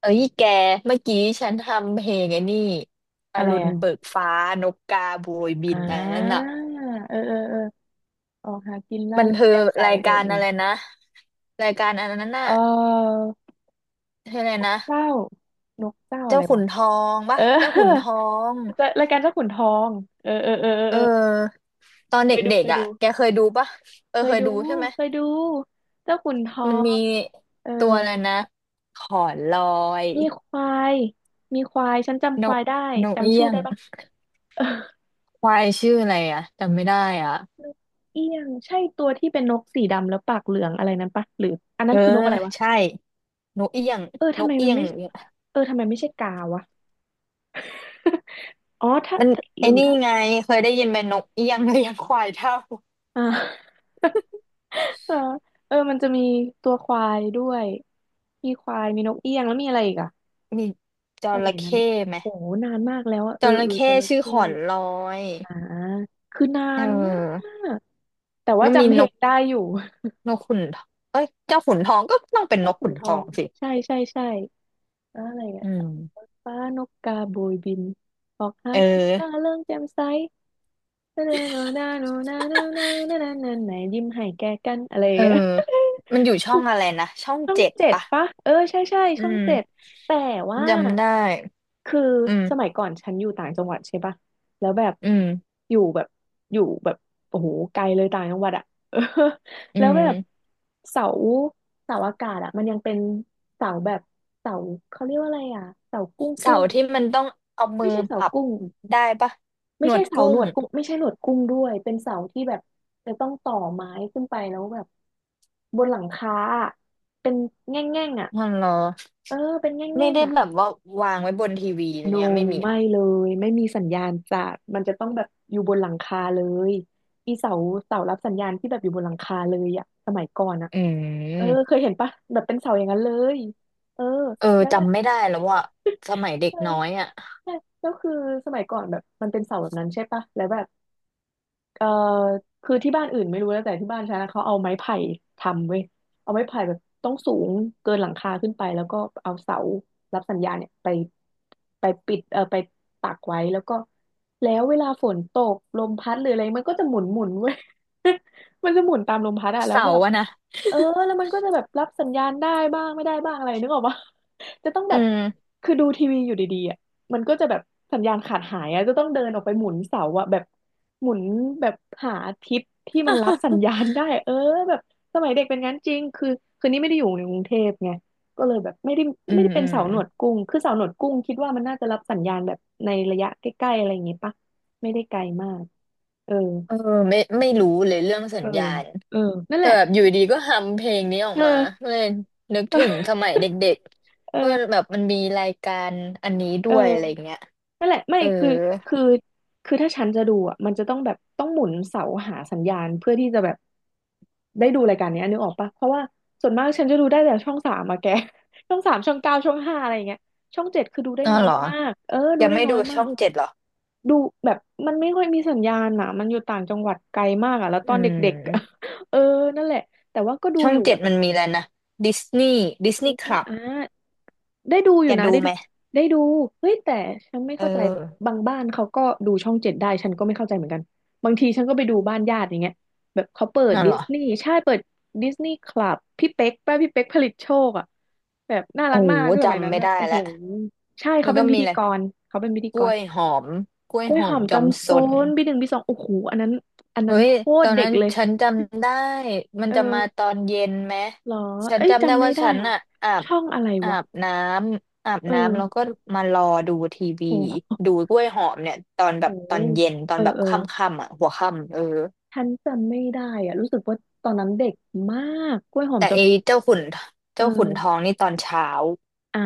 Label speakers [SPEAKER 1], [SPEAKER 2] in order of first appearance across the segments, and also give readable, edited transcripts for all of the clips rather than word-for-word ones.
[SPEAKER 1] เอ้ยแกเมื่อกี้ฉันทำเพลงไอ้นี่อ
[SPEAKER 2] อะไร
[SPEAKER 1] รุณ
[SPEAKER 2] อ่ะ
[SPEAKER 1] เบิกฟ้านกกาโบยบิ
[SPEAKER 2] อ่
[SPEAKER 1] นอะไรนั่น
[SPEAKER 2] า
[SPEAKER 1] น่ะ
[SPEAKER 2] เออเออเออออกหากินล่า
[SPEAKER 1] มัน
[SPEAKER 2] เริง
[SPEAKER 1] คือ
[SPEAKER 2] แจ่มใส
[SPEAKER 1] ราย
[SPEAKER 2] เออ
[SPEAKER 1] การ
[SPEAKER 2] เอ
[SPEAKER 1] อะไร
[SPEAKER 2] อ
[SPEAKER 1] นะรายการอันนั้นน่ะ
[SPEAKER 2] เออ
[SPEAKER 1] ชื่ออะไรนะ
[SPEAKER 2] เจ้านกเจ้าอะ
[SPEAKER 1] เจ้า
[SPEAKER 2] ไร
[SPEAKER 1] ขุ
[SPEAKER 2] วะ
[SPEAKER 1] นทองปะ
[SPEAKER 2] เออ
[SPEAKER 1] เจ้าขุนทอง
[SPEAKER 2] จะรายการเจ้าขุนทองเออเออเออเออ
[SPEAKER 1] เอ
[SPEAKER 2] เออ
[SPEAKER 1] อตอน
[SPEAKER 2] เค
[SPEAKER 1] เด
[SPEAKER 2] ยดู
[SPEAKER 1] ็
[SPEAKER 2] เค
[SPEAKER 1] ก
[SPEAKER 2] ย
[SPEAKER 1] ๆอ่ะ
[SPEAKER 2] ดู
[SPEAKER 1] แกเคยดูปะเออ
[SPEAKER 2] เคย
[SPEAKER 1] เคย
[SPEAKER 2] ดู
[SPEAKER 1] ดูใช่ไหม
[SPEAKER 2] เคยดู เจ้าขุนทอ
[SPEAKER 1] มันมี
[SPEAKER 2] งเออ
[SPEAKER 1] ตัวอะไรนะขอนลอย
[SPEAKER 2] มีควายมีควายฉันจำค
[SPEAKER 1] น
[SPEAKER 2] วา
[SPEAKER 1] ก
[SPEAKER 2] ยได้
[SPEAKER 1] เอี้
[SPEAKER 2] จำชื่อ
[SPEAKER 1] ยง
[SPEAKER 2] ได้ปะเออ
[SPEAKER 1] ควายชื่ออะไรอ่ะจำไม่ได้อ่ะ
[SPEAKER 2] นกเอี้ยงใช่ตัวที่เป็นนกสีดำแล้วปากเหลืองอะไรนั้นปะหรืออันนั้
[SPEAKER 1] เอ
[SPEAKER 2] น
[SPEAKER 1] อ
[SPEAKER 2] คือนกอะไรวะ
[SPEAKER 1] ใช่ นกเอี้ยง
[SPEAKER 2] เออ
[SPEAKER 1] น
[SPEAKER 2] ทำ
[SPEAKER 1] ก
[SPEAKER 2] ไม
[SPEAKER 1] เอี้
[SPEAKER 2] มัน
[SPEAKER 1] ยง
[SPEAKER 2] ไม่เออทำไมไม่ใช่กาวะ อ๋อถ้า
[SPEAKER 1] มัน
[SPEAKER 2] หรื
[SPEAKER 1] ไอ้
[SPEAKER 2] อ
[SPEAKER 1] นี่
[SPEAKER 2] ถ้า
[SPEAKER 1] ไงเคยได้ยินไหมนกเอี้ยง เลี้ยงควายเท่า
[SPEAKER 2] อ่าเออเออมันจะมีตัวควายด้วยมีควายมีนกเอี้ยงแล้วมีอะไรอีกอะ
[SPEAKER 1] มีจ
[SPEAKER 2] สมั
[SPEAKER 1] ระ
[SPEAKER 2] ยนั้น
[SPEAKER 1] เข้ไหม
[SPEAKER 2] โอ้โหนานมากแล้วอะเอ
[SPEAKER 1] จ
[SPEAKER 2] อ
[SPEAKER 1] ระ
[SPEAKER 2] เออจ
[SPEAKER 1] เข้
[SPEAKER 2] ระ
[SPEAKER 1] ชื่อ
[SPEAKER 2] เข้
[SPEAKER 1] ขอนลอย
[SPEAKER 2] อ่าคือนา
[SPEAKER 1] เ
[SPEAKER 2] นมา
[SPEAKER 1] ออ
[SPEAKER 2] กแต่ว่า
[SPEAKER 1] ก็มี
[SPEAKER 2] จำเพ
[SPEAKER 1] น
[SPEAKER 2] ล
[SPEAKER 1] ก
[SPEAKER 2] งได้อยู่
[SPEAKER 1] ขุนทองเอ้ยเจ้าขุนทองก็ต้องเป็ นน
[SPEAKER 2] ถ้า
[SPEAKER 1] ก
[SPEAKER 2] ขุ
[SPEAKER 1] ขุ
[SPEAKER 2] น
[SPEAKER 1] น
[SPEAKER 2] ท
[SPEAKER 1] ท
[SPEAKER 2] อ
[SPEAKER 1] อ
[SPEAKER 2] ง
[SPEAKER 1] งสิ
[SPEAKER 2] ใช่ใช่ใช่แล้วอะไรอ่ะ
[SPEAKER 1] อืม
[SPEAKER 2] ฟ้านกกาโบยบินออกหา
[SPEAKER 1] เออ
[SPEAKER 2] กินล่าเริงแจ่มใสนานานานานานานานานานานายิ้มให้แก่กันอะไรอย่า
[SPEAKER 1] เอ
[SPEAKER 2] ง
[SPEAKER 1] อ
[SPEAKER 2] เงี้ย
[SPEAKER 1] มันอยู่ช่องอะไรนะช่อง
[SPEAKER 2] ช่อง
[SPEAKER 1] เจ็ด
[SPEAKER 2] เจ็ด
[SPEAKER 1] ปะ
[SPEAKER 2] ปะเออใช่ใช่
[SPEAKER 1] อื
[SPEAKER 2] ช่องเจ็ด
[SPEAKER 1] ม
[SPEAKER 2] แต่ว่า
[SPEAKER 1] จำได้
[SPEAKER 2] คือ
[SPEAKER 1] อื
[SPEAKER 2] สมัย
[SPEAKER 1] ม
[SPEAKER 2] ก่อนฉันอยู่ต่างจังหวัดใช่ปะแล้วแบบ
[SPEAKER 1] อืม
[SPEAKER 2] อยู่แบบอยู่แบบโอ้โหไกลเลยต่างจังหวัดอะ เออ
[SPEAKER 1] อื
[SPEAKER 2] แล้วแบบ
[SPEAKER 1] ม
[SPEAKER 2] เสาเสาอากาศอะมันยังเป็นเสาแบบเสาเขาเรียกว่าอะไรอะเสากุ้งกุ้
[SPEAKER 1] เสา
[SPEAKER 2] ง
[SPEAKER 1] ร์ที่มันต้องเอามื
[SPEAKER 2] ไม่
[SPEAKER 1] อ
[SPEAKER 2] ใช่
[SPEAKER 1] ป
[SPEAKER 2] เสา
[SPEAKER 1] รับ
[SPEAKER 2] กุ้ง
[SPEAKER 1] ได้ปะ
[SPEAKER 2] ไม่
[SPEAKER 1] หนว
[SPEAKER 2] ใช่
[SPEAKER 1] ด
[SPEAKER 2] เสา
[SPEAKER 1] กุ้
[SPEAKER 2] หน
[SPEAKER 1] ง
[SPEAKER 2] วดกุ้งไม่ใช่หนวดกุ้งด้วยเป็นเสาที่แบบจะต้องต่อไม้ขึ้นไปแล้วแบบบนหลังคาอะเป็นแง่งๆอ่ะ
[SPEAKER 1] มันเหรอ
[SPEAKER 2] เออเป็นแง
[SPEAKER 1] ไม่
[SPEAKER 2] ่ง
[SPEAKER 1] ได้
[SPEAKER 2] ๆอ่ะ
[SPEAKER 1] แบบว่าวางไว้บนทีวีอะไร
[SPEAKER 2] โน
[SPEAKER 1] เงี้ยไม่มี
[SPEAKER 2] ไม่
[SPEAKER 1] อ่ะ
[SPEAKER 2] เลยไม่มีสัญญาณจากมันจะต้องแบบอยู่บนหลังคาเลยอีเสาเสารับสัญญาณที่แบบอยู่บนหลังคาเลยอะสมัยก่อนอะ
[SPEAKER 1] อื
[SPEAKER 2] เออ
[SPEAKER 1] ม
[SPEAKER 2] เคยเห็นปะแบบเป็นเสาอย่างนั้นเลยเออ
[SPEAKER 1] เออ
[SPEAKER 2] แล้วแบบ
[SPEAKER 1] จำไม่ได้แล้วว่าสมัยเด็ก
[SPEAKER 2] เออ
[SPEAKER 1] น้อยอ่ะ
[SPEAKER 2] ใช่แล้วคือสมัยก่อนแบบมันเป็นเสาแบบนั้นใช่ปะแล้วแบบ เอ่อคือที่บ้านอื่นไม่รู้แล้วแต่ที่บ้านฉันนะเขาเอาไม้ไผ่ทำเว้ยเอาไม้ไผ่แบบต้องสูงเกินหลังคาขึ้นไปแล้วก็เอาเสารับสัญญาณเนี่ยไปไปปิดเอ่อไปปักไว้แล้วก็แล้วเวลาฝนตกลมพัดหรืออะไรมันก็จะหมุนหมุนเว้ย มันจะหมุนตามลมพัดอะแล้ว
[SPEAKER 1] เสา
[SPEAKER 2] แบ
[SPEAKER 1] ร์
[SPEAKER 2] บ
[SPEAKER 1] อะนะ
[SPEAKER 2] เออแล้วมันก็จะแบบรับสัญญาณได้บ้างไม่ได้บ้างอะไรนึกออกปะ จะต้องแบ
[SPEAKER 1] อื
[SPEAKER 2] บ
[SPEAKER 1] ม
[SPEAKER 2] คือดูทีวีอยู่ดีๆอะมันก็จะแบบสัญญาณขาดหายอะจะต้องเดินออกไปหมุนเสาอะแบบ หมุนแบบหาทิศที่มันรับสัญญาณได้เออแบบสมัยเด็กเป็นงั้นจริงคือคือนี่ไม่ได้อยู่ในกรุงเทพไงก็เลยแบบไม่ได้
[SPEAKER 1] อื
[SPEAKER 2] ไม่
[SPEAKER 1] ม
[SPEAKER 2] ได้เป็
[SPEAKER 1] อื
[SPEAKER 2] น
[SPEAKER 1] ม
[SPEAKER 2] เสาหนวดกุ้งคือเสาหนวดกุ้งคิดว่ามันน่าจะรับสัญญาณแบบในระยะใกล้ๆอะไรอย่างงี้ปะไม่ได้ไกลมากเออ
[SPEAKER 1] เออไม่รู้เลยเรื่องสั
[SPEAKER 2] เออ
[SPEAKER 1] ญญาณ
[SPEAKER 2] เออนั่นแห
[SPEAKER 1] แต่
[SPEAKER 2] ละ
[SPEAKER 1] แบบอยู่ดีก็ฮัมเพลงนี้ออก
[SPEAKER 2] เอ
[SPEAKER 1] มาก็
[SPEAKER 2] อ
[SPEAKER 1] เลยนึกถึงสมัยเด็ก
[SPEAKER 2] เออ
[SPEAKER 1] ๆว่าแบบมันมีรายการอันนี้ด้วยอะไร
[SPEAKER 2] เออ
[SPEAKER 1] เงี้ย
[SPEAKER 2] นั่นแหละไม่
[SPEAKER 1] เออ
[SPEAKER 2] คือคือถ้าฉันจะดูอ่ะมันจะต้องแบบต้องหมุนเสาหาสัญญาณเพื่อที่จะแบบได้ดูรายการเนี้ยนึกออกปะเพราะว่าส่วนมากฉันจะดูได้แต่ช่องสามอะแก ช่อง 3ช่อง 9ช่อง 5อะไรอย่างเงี้ยช่องเจ็ดคือดูได้
[SPEAKER 1] อ๋อ
[SPEAKER 2] น้อ
[SPEAKER 1] เห
[SPEAKER 2] ย
[SPEAKER 1] รอ
[SPEAKER 2] มากเออดู
[SPEAKER 1] ยัง
[SPEAKER 2] ได้
[SPEAKER 1] ไม่
[SPEAKER 2] น้อ
[SPEAKER 1] ดู
[SPEAKER 2] ยมา
[SPEAKER 1] ช่อ
[SPEAKER 2] ก
[SPEAKER 1] งเจ็ดเหรอ
[SPEAKER 2] ดูแบบมันไม่ค่อยมีสัญญาณอ่ะมันอยู่ต่างจังหวัดไกลมากอ่ะแล้วต
[SPEAKER 1] อื
[SPEAKER 2] อนเด็กๆอะ
[SPEAKER 1] ม
[SPEAKER 2] เออนั่นแหละแต่ว่าก็ดู
[SPEAKER 1] ช่อ
[SPEAKER 2] อ
[SPEAKER 1] ง
[SPEAKER 2] ยู่แบ
[SPEAKER 1] เจ็ด
[SPEAKER 2] บ
[SPEAKER 1] มันมีแล้วนะดิสนี
[SPEAKER 2] ดิ
[SPEAKER 1] ย์
[SPEAKER 2] ส
[SPEAKER 1] ค
[SPEAKER 2] นีย์
[SPEAKER 1] ลับ
[SPEAKER 2] อ่า ได้ดูอยู่
[SPEAKER 1] จะ
[SPEAKER 2] นะ
[SPEAKER 1] ดู
[SPEAKER 2] ได้
[SPEAKER 1] ไห
[SPEAKER 2] ดู
[SPEAKER 1] ม
[SPEAKER 2] ได้ดูเฮ้ยแต่ฉันไม่
[SPEAKER 1] เออ
[SPEAKER 2] เข้าใจบางบ้านเขาก็ดูช่องเจ็ดได้ฉันก็ไม่เข้าใจเหมือนกันบางทีฉันก็ไปดูบ้านญาติอย่างเงี้ยแบบเขาเปิด
[SPEAKER 1] นั่น
[SPEAKER 2] ดิ
[SPEAKER 1] เหร
[SPEAKER 2] ส
[SPEAKER 1] อ
[SPEAKER 2] นีย์ใช่เปิดดิสนีย์คลับพี่เป๊กป้าพี่เป๊กผลิตโชคอ่ะแบบน่ารัก
[SPEAKER 1] โอ้
[SPEAKER 2] มาก
[SPEAKER 1] โห
[SPEAKER 2] คือสมัยนั้
[SPEAKER 1] จำ
[SPEAKER 2] น
[SPEAKER 1] ไม่
[SPEAKER 2] แบบ
[SPEAKER 1] ได้
[SPEAKER 2] โอ้โห
[SPEAKER 1] แล้ว
[SPEAKER 2] ใช่
[SPEAKER 1] แล้
[SPEAKER 2] เขา
[SPEAKER 1] ว
[SPEAKER 2] เป็
[SPEAKER 1] ก็
[SPEAKER 2] นพิ
[SPEAKER 1] มี
[SPEAKER 2] ธี
[SPEAKER 1] อะไร
[SPEAKER 2] กรเขาเป็นพิธี
[SPEAKER 1] ก
[SPEAKER 2] ก
[SPEAKER 1] ล้
[SPEAKER 2] ร
[SPEAKER 1] วยหอมกล้ว
[SPEAKER 2] ก
[SPEAKER 1] ย
[SPEAKER 2] ล้ว
[SPEAKER 1] ห
[SPEAKER 2] ย
[SPEAKER 1] อ
[SPEAKER 2] ห
[SPEAKER 1] ม
[SPEAKER 2] อม
[SPEAKER 1] จอม
[SPEAKER 2] จำโซ
[SPEAKER 1] สน
[SPEAKER 2] นบีหนึ่งบีสองโอ้โหอันนั้นอัน
[SPEAKER 1] เฮ้
[SPEAKER 2] นั้น
[SPEAKER 1] ย
[SPEAKER 2] โค
[SPEAKER 1] ต
[SPEAKER 2] ต
[SPEAKER 1] อ
[SPEAKER 2] ร
[SPEAKER 1] น
[SPEAKER 2] เด็
[SPEAKER 1] นั้
[SPEAKER 2] ก
[SPEAKER 1] น
[SPEAKER 2] เลย
[SPEAKER 1] ฉันจำได้มัน
[SPEAKER 2] เออ
[SPEAKER 1] จะมาตอนเย็นไหม
[SPEAKER 2] เหรอ
[SPEAKER 1] ฉัน
[SPEAKER 2] เอ้ย
[SPEAKER 1] จำได้
[SPEAKER 2] จำไม่
[SPEAKER 1] ว่า
[SPEAKER 2] ได้
[SPEAKER 1] ฉัน
[SPEAKER 2] ว่ะ
[SPEAKER 1] อะอาบ
[SPEAKER 2] ช่องอะไร
[SPEAKER 1] อา
[SPEAKER 2] วะ
[SPEAKER 1] บน้ำ
[SPEAKER 2] เ
[SPEAKER 1] แล้ว
[SPEAKER 2] ออ
[SPEAKER 1] ก็มารอดูทีวี
[SPEAKER 2] โอ้
[SPEAKER 1] ดูกล้วยหอมเนี่ยตอนแบ
[SPEAKER 2] โห
[SPEAKER 1] บตอนเย็นตอ
[SPEAKER 2] เอ
[SPEAKER 1] น
[SPEAKER 2] อ
[SPEAKER 1] แบบ
[SPEAKER 2] เออ
[SPEAKER 1] ค่ำๆอะหัวค่ำเออ
[SPEAKER 2] ฉันจำไม่ได้อะรู้สึกว่าตอนนั้นเด็กมากกล้วยหอม
[SPEAKER 1] แต่
[SPEAKER 2] จอม
[SPEAKER 1] ไอ้เจ้าขุน
[SPEAKER 2] เ
[SPEAKER 1] ทอง
[SPEAKER 2] ออ
[SPEAKER 1] นี่ตอนเช้า
[SPEAKER 2] อ่า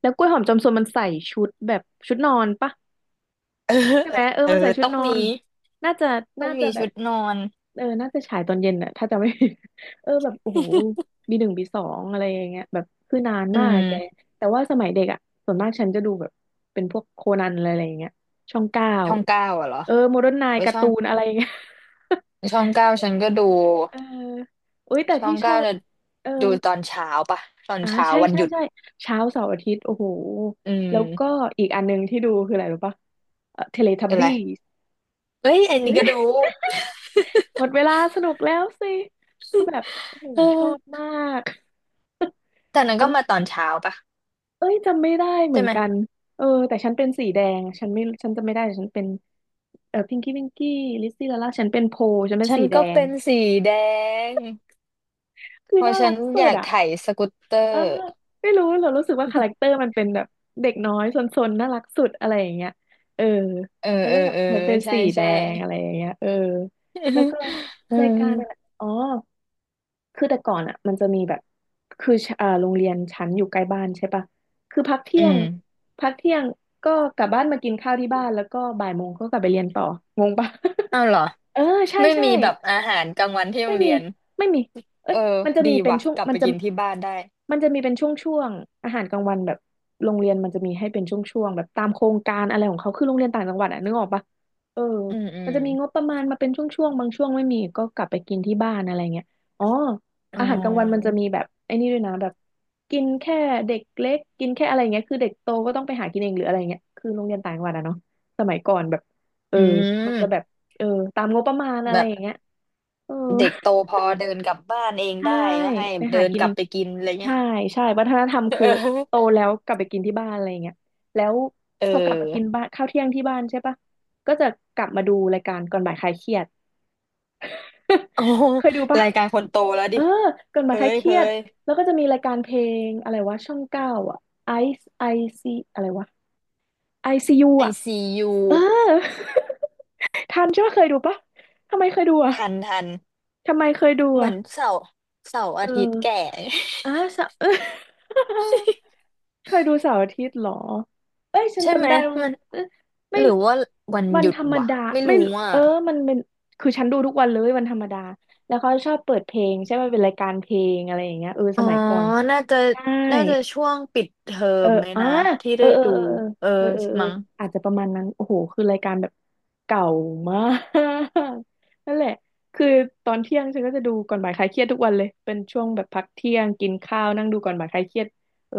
[SPEAKER 2] แล้วกล้วยหอมจอมซนมันใส่ชุดแบบชุดนอนปะ
[SPEAKER 1] เออ
[SPEAKER 2] ใช่ไหมเออ
[SPEAKER 1] เออ
[SPEAKER 2] มันใส่ชุด
[SPEAKER 1] ต้อง
[SPEAKER 2] นอ
[SPEAKER 1] มี
[SPEAKER 2] นน่าจะ
[SPEAKER 1] ต้องมี
[SPEAKER 2] แบ
[SPEAKER 1] ชุ
[SPEAKER 2] บ
[SPEAKER 1] ดนอน
[SPEAKER 2] เออน่าจะฉายตอนเย็นอะถ้าจะไม่ ผิด เออแบบโอ้โหบีหนึ่งบีสองอะไรอย่างเงี้ยแบบคือนาน
[SPEAKER 1] อื
[SPEAKER 2] มากอะแก
[SPEAKER 1] ม
[SPEAKER 2] แต่ว่าสมัยเด็กอ่ะส่วนมากฉันจะดูแบบเป็นพวกโคนันอะไรอย่างเงี้ยช่องเก้า
[SPEAKER 1] ช่องเก้าอะเหรอ
[SPEAKER 2] เออโมเดิร์นไนน์
[SPEAKER 1] ไว้ย
[SPEAKER 2] การ์
[SPEAKER 1] ช่อ
[SPEAKER 2] ตู
[SPEAKER 1] ง
[SPEAKER 2] นอะไรอย่างเงี้ย
[SPEAKER 1] เก้าฉันก็ดู
[SPEAKER 2] เอออุ้ยแต่
[SPEAKER 1] ช่อ
[SPEAKER 2] ที่
[SPEAKER 1] ง
[SPEAKER 2] ชอ
[SPEAKER 1] เก้า
[SPEAKER 2] บ
[SPEAKER 1] เนี่ย
[SPEAKER 2] เออ
[SPEAKER 1] ดูตอนเช้าปะตอน
[SPEAKER 2] อ่า
[SPEAKER 1] เช้า
[SPEAKER 2] ใช่
[SPEAKER 1] วัน
[SPEAKER 2] ใช่
[SPEAKER 1] หยุด
[SPEAKER 2] ใช่เช้าเสาร์อาทิตย์โอ้โห
[SPEAKER 1] อื
[SPEAKER 2] แล้วก็
[SPEAKER 1] ม
[SPEAKER 2] อีกอันหนึงที่ดูคืออะไรรู้ปะเทเลทับ
[SPEAKER 1] เป็นไร
[SPEAKER 2] บี้
[SPEAKER 1] เอ้ยไอ้นี่ก็ดู
[SPEAKER 2] หมดเวลาสนุกแล้วสิคือแบบโอ้โห
[SPEAKER 1] เอ
[SPEAKER 2] ชอบ
[SPEAKER 1] อ
[SPEAKER 2] มาก
[SPEAKER 1] แต่นั้น
[SPEAKER 2] ทั้
[SPEAKER 1] ก็
[SPEAKER 2] ง
[SPEAKER 1] มาตอนเช้าปะ
[SPEAKER 2] เอ้ยจำไม่ได้เหมื
[SPEAKER 1] ใช่
[SPEAKER 2] อน
[SPEAKER 1] ไหม
[SPEAKER 2] กันเออแต่ฉันเป็นสีแดงฉันจำไม่ได้แต่ฉันเป็นเออพิงกี้ลิซซี่ลาล่าฉันเป็นโพฉันเป็น
[SPEAKER 1] ฉัน
[SPEAKER 2] สีแด
[SPEAKER 1] ก็
[SPEAKER 2] ง
[SPEAKER 1] เป็นสีแดง
[SPEAKER 2] คือ
[SPEAKER 1] เพราะ
[SPEAKER 2] น่า
[SPEAKER 1] ฉั
[SPEAKER 2] รั
[SPEAKER 1] น
[SPEAKER 2] กสุ
[SPEAKER 1] อ
[SPEAKER 2] ด
[SPEAKER 1] ยาก
[SPEAKER 2] อ่ะ
[SPEAKER 1] ไถสกูตเตอ
[SPEAKER 2] เออ
[SPEAKER 1] ร์
[SPEAKER 2] ไม่รู้เรารู้สึกว่าคาแรคเตอร์มันเป็นแบบเด็กน้อยซนๆน่ารักสุดอะไรอย่างเงี้ยเออ
[SPEAKER 1] เออ
[SPEAKER 2] แล้ว
[SPEAKER 1] เอ
[SPEAKER 2] ก็
[SPEAKER 1] อ
[SPEAKER 2] แบบ
[SPEAKER 1] เออ
[SPEAKER 2] เหมือนเป็น
[SPEAKER 1] ใช่
[SPEAKER 2] สีแด
[SPEAKER 1] ใช่
[SPEAKER 2] งอะไรอย่างเงี้ยเออแล้วก็
[SPEAKER 1] อื
[SPEAKER 2] รายการอะ
[SPEAKER 1] ม
[SPEAKER 2] อ๋อคือแต่ก่อนอ่ะมันจะมีแบบคือชอ่าโรงเรียนชั้นอยู่ใกล้บ้านใช่ปะคือพัก
[SPEAKER 1] อื
[SPEAKER 2] เที่ยง
[SPEAKER 1] ม
[SPEAKER 2] พักเที่ยงก็กลับบ้านมากินข้าวที่บ้านแล้วก็บ่ายโมงก็กลับไปเรียนต่องงปะ
[SPEAKER 1] อ้าวเหรอ
[SPEAKER 2] เออใช่
[SPEAKER 1] ไม่
[SPEAKER 2] ใช่
[SPEAKER 1] มีแบบอาหารกลางวันที่โร
[SPEAKER 2] ไม่
[SPEAKER 1] งเรี
[SPEAKER 2] มี
[SPEAKER 1] ยน
[SPEAKER 2] ไม่มี เอ้
[SPEAKER 1] เอ
[SPEAKER 2] ย
[SPEAKER 1] อ
[SPEAKER 2] มันจะมี
[SPEAKER 1] ดี
[SPEAKER 2] เป็น
[SPEAKER 1] ว่ะ
[SPEAKER 2] ช่วง
[SPEAKER 1] กลับ
[SPEAKER 2] มั
[SPEAKER 1] ไป
[SPEAKER 2] นจะ
[SPEAKER 1] กินที่บ้านได้
[SPEAKER 2] มันจะมีเป็นช่วงๆอาหารกลางวันแบบโรงเรียนมันจะมีให้เป็นช่วงๆแบบตามโครงการอะไรของเขาคือโรงเรียนต่างจังหวัดอะนึกออกปะเออ
[SPEAKER 1] อืมอื
[SPEAKER 2] มัน
[SPEAKER 1] ม
[SPEAKER 2] จะมีงบประมาณมาเป็นช่วงๆบางช่วงไม่มีก็กลับไปกินที่บ้านอะไรเงี้ยอ๋อ
[SPEAKER 1] อ๋อ
[SPEAKER 2] อาหารกลางวันมันจะมีแบบไอ้นี่ด้วยนะแบบกินแค่เด็กเล็กกินแค่อะไรเงี้ยคือเด็กโตก็ต้องไปหากินเองหรืออะไรเงี้ยคือโรงเรียนต่างจังหวัดอะเนาะสมัยก่อนแบบเออ
[SPEAKER 1] อื
[SPEAKER 2] มันจะแบบ
[SPEAKER 1] ม
[SPEAKER 2] เออตามงบประมาณอะ
[SPEAKER 1] แบ
[SPEAKER 2] ไร
[SPEAKER 1] บ
[SPEAKER 2] อย่างเงี้ยเออ
[SPEAKER 1] เด็กโตพอเดินกลับบ้านเอง
[SPEAKER 2] ใช่
[SPEAKER 1] ได้ก็ให้
[SPEAKER 2] ไป
[SPEAKER 1] เดิ
[SPEAKER 2] หา
[SPEAKER 1] น
[SPEAKER 2] กิน
[SPEAKER 1] กลั
[SPEAKER 2] เอ
[SPEAKER 1] บ
[SPEAKER 2] ง
[SPEAKER 1] ไปกินอะไรเงี้
[SPEAKER 2] ใช่
[SPEAKER 1] ย
[SPEAKER 2] ใช่วัฒนธรรม คื
[SPEAKER 1] เ
[SPEAKER 2] อโต
[SPEAKER 1] ออ
[SPEAKER 2] แล้วกลับไปกินที่บ้านอะไรอย่างเงี้ยแล้ว
[SPEAKER 1] เอ
[SPEAKER 2] พอกลับมา
[SPEAKER 1] อ
[SPEAKER 2] กินบ้านข้าวเที่ยงที่บ้านใช่ปะก็จะกลับมาดูรายการก่อนบ่ายคลายเครียด
[SPEAKER 1] โอ้
[SPEAKER 2] เคยดูปะ
[SPEAKER 1] รายการคนโตแล้ว
[SPEAKER 2] เอ
[SPEAKER 1] ดิ
[SPEAKER 2] อก่อนบ่า
[SPEAKER 1] เฮ้
[SPEAKER 2] ยคลาย
[SPEAKER 1] ย
[SPEAKER 2] เครี
[SPEAKER 1] เฮ้
[SPEAKER 2] ยด
[SPEAKER 1] ย
[SPEAKER 2] แล้วก็จะมีรายการเพลงอะไรวะช่องเก้าอ่ะไอไอซีอะไรวะไอซียู
[SPEAKER 1] ไอ
[SPEAKER 2] อ่ะ
[SPEAKER 1] ซียู
[SPEAKER 2] เออ ทันใช่ปะเคยดูปะทำไมเคยดูอ่ะ
[SPEAKER 1] ทันทัน
[SPEAKER 2] ทำไมเคยดู
[SPEAKER 1] เหมื
[SPEAKER 2] อ่ะ
[SPEAKER 1] อนเสาร์
[SPEAKER 2] เอ
[SPEAKER 1] อาทิตย์แก่
[SPEAKER 2] ออ่ะสะ เคยดูเสาร์อาทิตย์เหรอเอ้ยฉั น
[SPEAKER 1] ใช่ไหม
[SPEAKER 2] จำได้ว่า
[SPEAKER 1] มัน
[SPEAKER 2] เอยไม่
[SPEAKER 1] หรือว่าวัน
[SPEAKER 2] มั
[SPEAKER 1] ห
[SPEAKER 2] น
[SPEAKER 1] ยุ
[SPEAKER 2] ธ
[SPEAKER 1] ด
[SPEAKER 2] รรม
[SPEAKER 1] วะ
[SPEAKER 2] ดา
[SPEAKER 1] ไม่
[SPEAKER 2] ไม่
[SPEAKER 1] รู้อ่ะ
[SPEAKER 2] เออมันเป็นคือฉันดูทุกวันเลยวันธรรมดาแล้วเขาชอบเปิดเพลงใช่ไหมเป็นรายการเพลงอะไรอย่างเงี้ยเออส
[SPEAKER 1] อ๋อ
[SPEAKER 2] มัยก่อน
[SPEAKER 1] น่าจะ
[SPEAKER 2] ใช่
[SPEAKER 1] ช่วงปิดเทอ
[SPEAKER 2] เออ
[SPEAKER 1] มไหม
[SPEAKER 2] อ่า
[SPEAKER 1] นะที่
[SPEAKER 2] เออ
[SPEAKER 1] ได้
[SPEAKER 2] เออ
[SPEAKER 1] ดูเออ
[SPEAKER 2] เออเออเออเ
[SPEAKER 1] มั้ง
[SPEAKER 2] อออาจจะประมาณนั้นโอ้โหคือรายการแบบเก่ามาก นั่นแหละ คือตอนเที่ยงฉันก็จะดูก่อนบ่ายคลายเครียดทุกวันเลยเป็นช่วงแบบพักเที่ยงกินข้าวนั่งดูก่อนบ่ายคลายเครียดเออ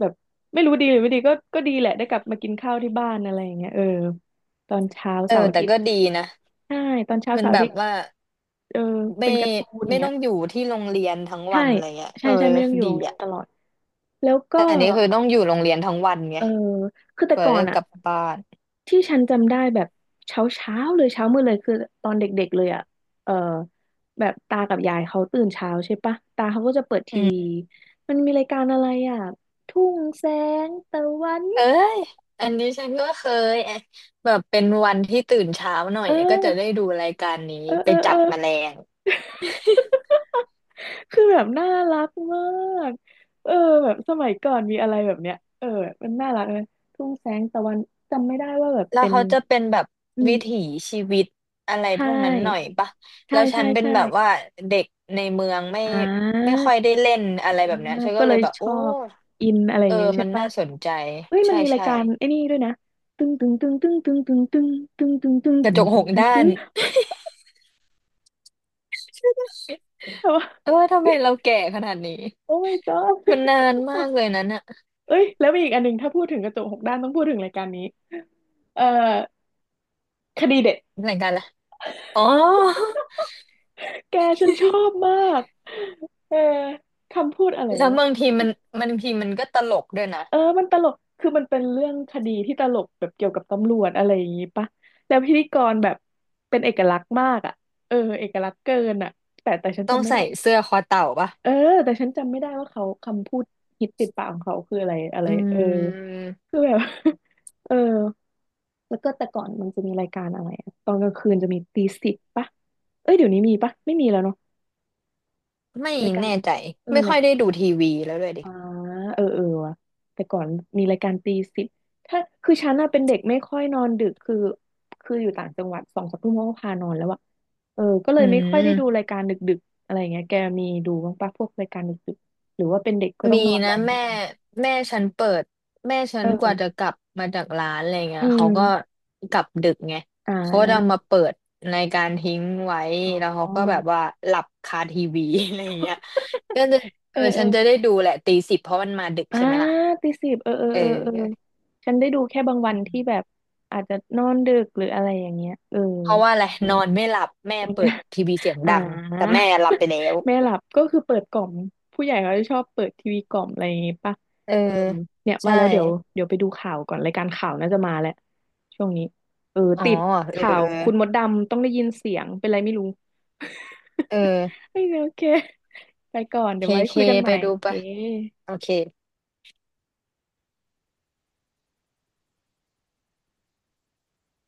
[SPEAKER 2] แบบไม่รู้ดีหรือไม่ดีก็ดีแหละได้กลับมากินข้าวที่บ้านอะไรอย่างเงี้ยเออตอนเช้า
[SPEAKER 1] เออ
[SPEAKER 2] เสาร์อา
[SPEAKER 1] แต่
[SPEAKER 2] ทิต
[SPEAKER 1] ก็
[SPEAKER 2] ย์
[SPEAKER 1] ดีนะ
[SPEAKER 2] ใช่ตอนเช้า
[SPEAKER 1] มัน
[SPEAKER 2] เสาร์
[SPEAKER 1] แบ
[SPEAKER 2] อาทิ
[SPEAKER 1] บ
[SPEAKER 2] ตย์
[SPEAKER 1] ว่า
[SPEAKER 2] เออ
[SPEAKER 1] ไม่
[SPEAKER 2] เป็นการ์ตูนอย่างเงี้
[SPEAKER 1] ต้อ
[SPEAKER 2] ย
[SPEAKER 1] งอยู่ที่โรงเรียนทั้ง
[SPEAKER 2] ใช่
[SPEAKER 1] วันอะไรเงี้ยเอ
[SPEAKER 2] ใช่
[SPEAKER 1] อ
[SPEAKER 2] ใช่ไม่ต้องอยู่
[SPEAKER 1] ดี
[SPEAKER 2] โรงเรียน
[SPEAKER 1] อ่ะ
[SPEAKER 2] ตลอด แล้วก็
[SPEAKER 1] แต่อันนี้คือต้องอยู่โรงเรียนทั้งวันไง
[SPEAKER 2] เออคือแต่
[SPEAKER 1] เปิด
[SPEAKER 2] ก่อ
[SPEAKER 1] ได้
[SPEAKER 2] น
[SPEAKER 1] ก
[SPEAKER 2] อะ
[SPEAKER 1] ลับบ้าน
[SPEAKER 2] ที่ฉันจำได้แบบเช้าเลยเช้ามืดเลยคือตอนเด็กๆเลยอ่ะเออแบบตากับยายเขาตื่นเช้าใช่ปะตาเขาก็จะเปิดทีวีมันมีรายการอะไรอ่ะทุ่งแสงตะวัน
[SPEAKER 1] เอ้ยอันนี้ฉันก็เคยเอ๊ะแบบเป็นวันที่ตื่นเช้าหน่อย
[SPEAKER 2] เอ
[SPEAKER 1] ก็จะได้
[SPEAKER 2] อ
[SPEAKER 1] ดูรายการนี้
[SPEAKER 2] เออ
[SPEAKER 1] ไป
[SPEAKER 2] เออ
[SPEAKER 1] จั
[SPEAKER 2] เอ
[SPEAKER 1] บ
[SPEAKER 2] อ
[SPEAKER 1] แมลง
[SPEAKER 2] คือแบบน่ารักมากเออแบบสมัยก่อนมีอะไรแบบเนี้ยเออมันน่ารักนะทุ่งแสงตะวันจำไม่ได้ว่าแบบ
[SPEAKER 1] แล้ว
[SPEAKER 2] เป็น
[SPEAKER 1] เขาจะเป็นแบบ
[SPEAKER 2] อื
[SPEAKER 1] วิถี
[SPEAKER 2] ม
[SPEAKER 1] ชีวิตอะไร
[SPEAKER 2] ใช่
[SPEAKER 1] พวกนั้นหน่อยปะแล้
[SPEAKER 2] ใช่
[SPEAKER 1] วฉั
[SPEAKER 2] ใช่
[SPEAKER 1] นเป็น
[SPEAKER 2] ใช่
[SPEAKER 1] แบบว่าเด็กในเมืองไม่
[SPEAKER 2] อ่
[SPEAKER 1] ค่อยได้
[SPEAKER 2] า
[SPEAKER 1] เล่นอะไรแบบเนี้ย
[SPEAKER 2] อ่า
[SPEAKER 1] ฉัน
[SPEAKER 2] ก็
[SPEAKER 1] ก็เล
[SPEAKER 2] เล
[SPEAKER 1] ย
[SPEAKER 2] ย
[SPEAKER 1] แบบ
[SPEAKER 2] ช
[SPEAKER 1] โอ้
[SPEAKER 2] อบอินอะไรอ
[SPEAKER 1] เอ
[SPEAKER 2] ย่างเงี้
[SPEAKER 1] อ
[SPEAKER 2] ยใช่
[SPEAKER 1] มัน
[SPEAKER 2] ปะ
[SPEAKER 1] น่าสนใจ
[SPEAKER 2] เฮ้ยมัน
[SPEAKER 1] ใช่
[SPEAKER 2] มีราย
[SPEAKER 1] ใช่
[SPEAKER 2] การไอ้นี่ด้วยนะตึงตึงตึงตึงตึงตึงตึงตึงตึงตึง
[SPEAKER 1] กระ
[SPEAKER 2] ตึ
[SPEAKER 1] จ
[SPEAKER 2] ง
[SPEAKER 1] กห
[SPEAKER 2] ตึง
[SPEAKER 1] ก
[SPEAKER 2] ตึง
[SPEAKER 1] ด้า
[SPEAKER 2] ตึ
[SPEAKER 1] น
[SPEAKER 2] งแต่ว่า
[SPEAKER 1] เออทำไมเราแก่ขนาดนี้
[SPEAKER 2] โอ้ my god
[SPEAKER 1] มันนานมากเลยนั้นอะ
[SPEAKER 2] เอ้ยแล้วมีอีกอันหนึ่งถ้าพูดถึงกระจกหกด้านต้องพูดถึงรายการนี้เอ่อคดีเด็ด
[SPEAKER 1] รายการละไรอ๋อ
[SPEAKER 2] แกฉันชอบ มากเออคำพูดอะไร
[SPEAKER 1] แล้วบาง
[SPEAKER 2] วะ
[SPEAKER 1] ทีมันก็ตลกด้วยนะ
[SPEAKER 2] เออมันตลก คือมันเป็นเรื่องคดีที่ตลกแบบเกี่ยวกับตำรวจอะไรอย่างงี้ปะแล้วพิธีกรแบบเป็นเอกลักษณ์มากอ่ะเออเอกลักษณ์เกินอ่ะแต่ฉัน
[SPEAKER 1] ต้อง
[SPEAKER 2] จำไม่
[SPEAKER 1] ใส่
[SPEAKER 2] ได้
[SPEAKER 1] เสื้อคอเต่าปะ
[SPEAKER 2] เออแต่ฉันจำไม่ได้ว่าเขาคำพูดฮิตติดปากของเขาคืออะไรอะไร
[SPEAKER 1] อื
[SPEAKER 2] เออ
[SPEAKER 1] ม
[SPEAKER 2] คือแบบ เออแล้วก็แต่ก่อนมันจะมีรายการอะไรอะตอนกลางคืนจะมีตีสิบปะเอ้ยเดี๋ยวนี้มีปะไม่มีแล้วเนาะ
[SPEAKER 1] ไม่
[SPEAKER 2] รายการ
[SPEAKER 1] แน่ใจ
[SPEAKER 2] เออ
[SPEAKER 1] ไม่ค่อยได้ดูทีวีแล้วด้วยดิ
[SPEAKER 2] อ่าเออเออว่ะแต่ก่อนมีรายการตีสิบ ถ้าคือฉันน่ะเป็นเด็กไม่ค่อยนอนดึก คือคืออยู่ต่างจังหวัดสองสามทุ่มเขาก็พานอนแล้วอะเออก็เล
[SPEAKER 1] อื
[SPEAKER 2] ยไม่ค่อยได้ดู
[SPEAKER 1] ม
[SPEAKER 2] รายการดึกๆอะไรอย่างเงี้ยแกมีดูบ้างปะพวกรายการดึกๆหรือว่าเป็นเด็กก็ต้อ
[SPEAKER 1] มี
[SPEAKER 2] งนอน
[SPEAKER 1] นะ
[SPEAKER 2] ไวเหมือ
[SPEAKER 1] แม่
[SPEAKER 2] นกัน
[SPEAKER 1] ฉันเปิดแม่ฉั
[SPEAKER 2] เอ
[SPEAKER 1] นกว่าจะ
[SPEAKER 2] อ
[SPEAKER 1] กลับมาจากร้านอะไรเงี้
[SPEAKER 2] อื
[SPEAKER 1] ย
[SPEAKER 2] ม
[SPEAKER 1] เขาก็กลับดึกไง
[SPEAKER 2] อ่
[SPEAKER 1] เขาก็จะมา
[SPEAKER 2] า
[SPEAKER 1] เปิดในการทิ้งไว้
[SPEAKER 2] อ๋อ
[SPEAKER 1] แล้วเขาก็แบบว่าหลับคาทีวี อะไรเงี้ยก็จะ
[SPEAKER 2] เอ
[SPEAKER 1] เอ
[SPEAKER 2] อ
[SPEAKER 1] อ
[SPEAKER 2] เอ
[SPEAKER 1] ฉั
[SPEAKER 2] อ
[SPEAKER 1] นจะได้ดูแหละตีสิบเพราะมันมาดึก
[SPEAKER 2] อ่า
[SPEAKER 1] ใช่ไหมล่ะ
[SPEAKER 2] ตีสิบเออเออ
[SPEAKER 1] เอ
[SPEAKER 2] เออเออ
[SPEAKER 1] อ
[SPEAKER 2] ฉันได้ดูแค่บางวันที่แบบอาจจะนอนดึกหรืออะไรอย่างเงี้ยเออ
[SPEAKER 1] เพราะว่าอะไรนอนไม่หลับแม่เปิดทีวีเสียง
[SPEAKER 2] อ่า
[SPEAKER 1] ดังแต่แม่หลับไป แล้ว
[SPEAKER 2] แม่หลับก็คือเปิดกล่อมผู้ใหญ่เขาจะชอบเปิดทีวีกล่อมอะไรอย่างงี้ป่ะ
[SPEAKER 1] เออ
[SPEAKER 2] เออเนี่ยว่า
[SPEAKER 1] ใช่
[SPEAKER 2] แล้วเดี๋ยวไปดูข่าวก่อนรายการข่าวน่าจะมาแหละช่วงนี้เออ
[SPEAKER 1] อ๋อ
[SPEAKER 2] ติด
[SPEAKER 1] เออ
[SPEAKER 2] ข่าว
[SPEAKER 1] เออ
[SPEAKER 2] คุณมดดำต้องได้ยินเสียงเป็นไรไม่รู้
[SPEAKER 1] เออ
[SPEAKER 2] เโอเคไปก่อนเดี๋
[SPEAKER 1] เค
[SPEAKER 2] ยวไว้
[SPEAKER 1] เค
[SPEAKER 2] คุยกันให
[SPEAKER 1] ไป
[SPEAKER 2] ม่
[SPEAKER 1] ดู
[SPEAKER 2] โอเค
[SPEAKER 1] ไปะโอเค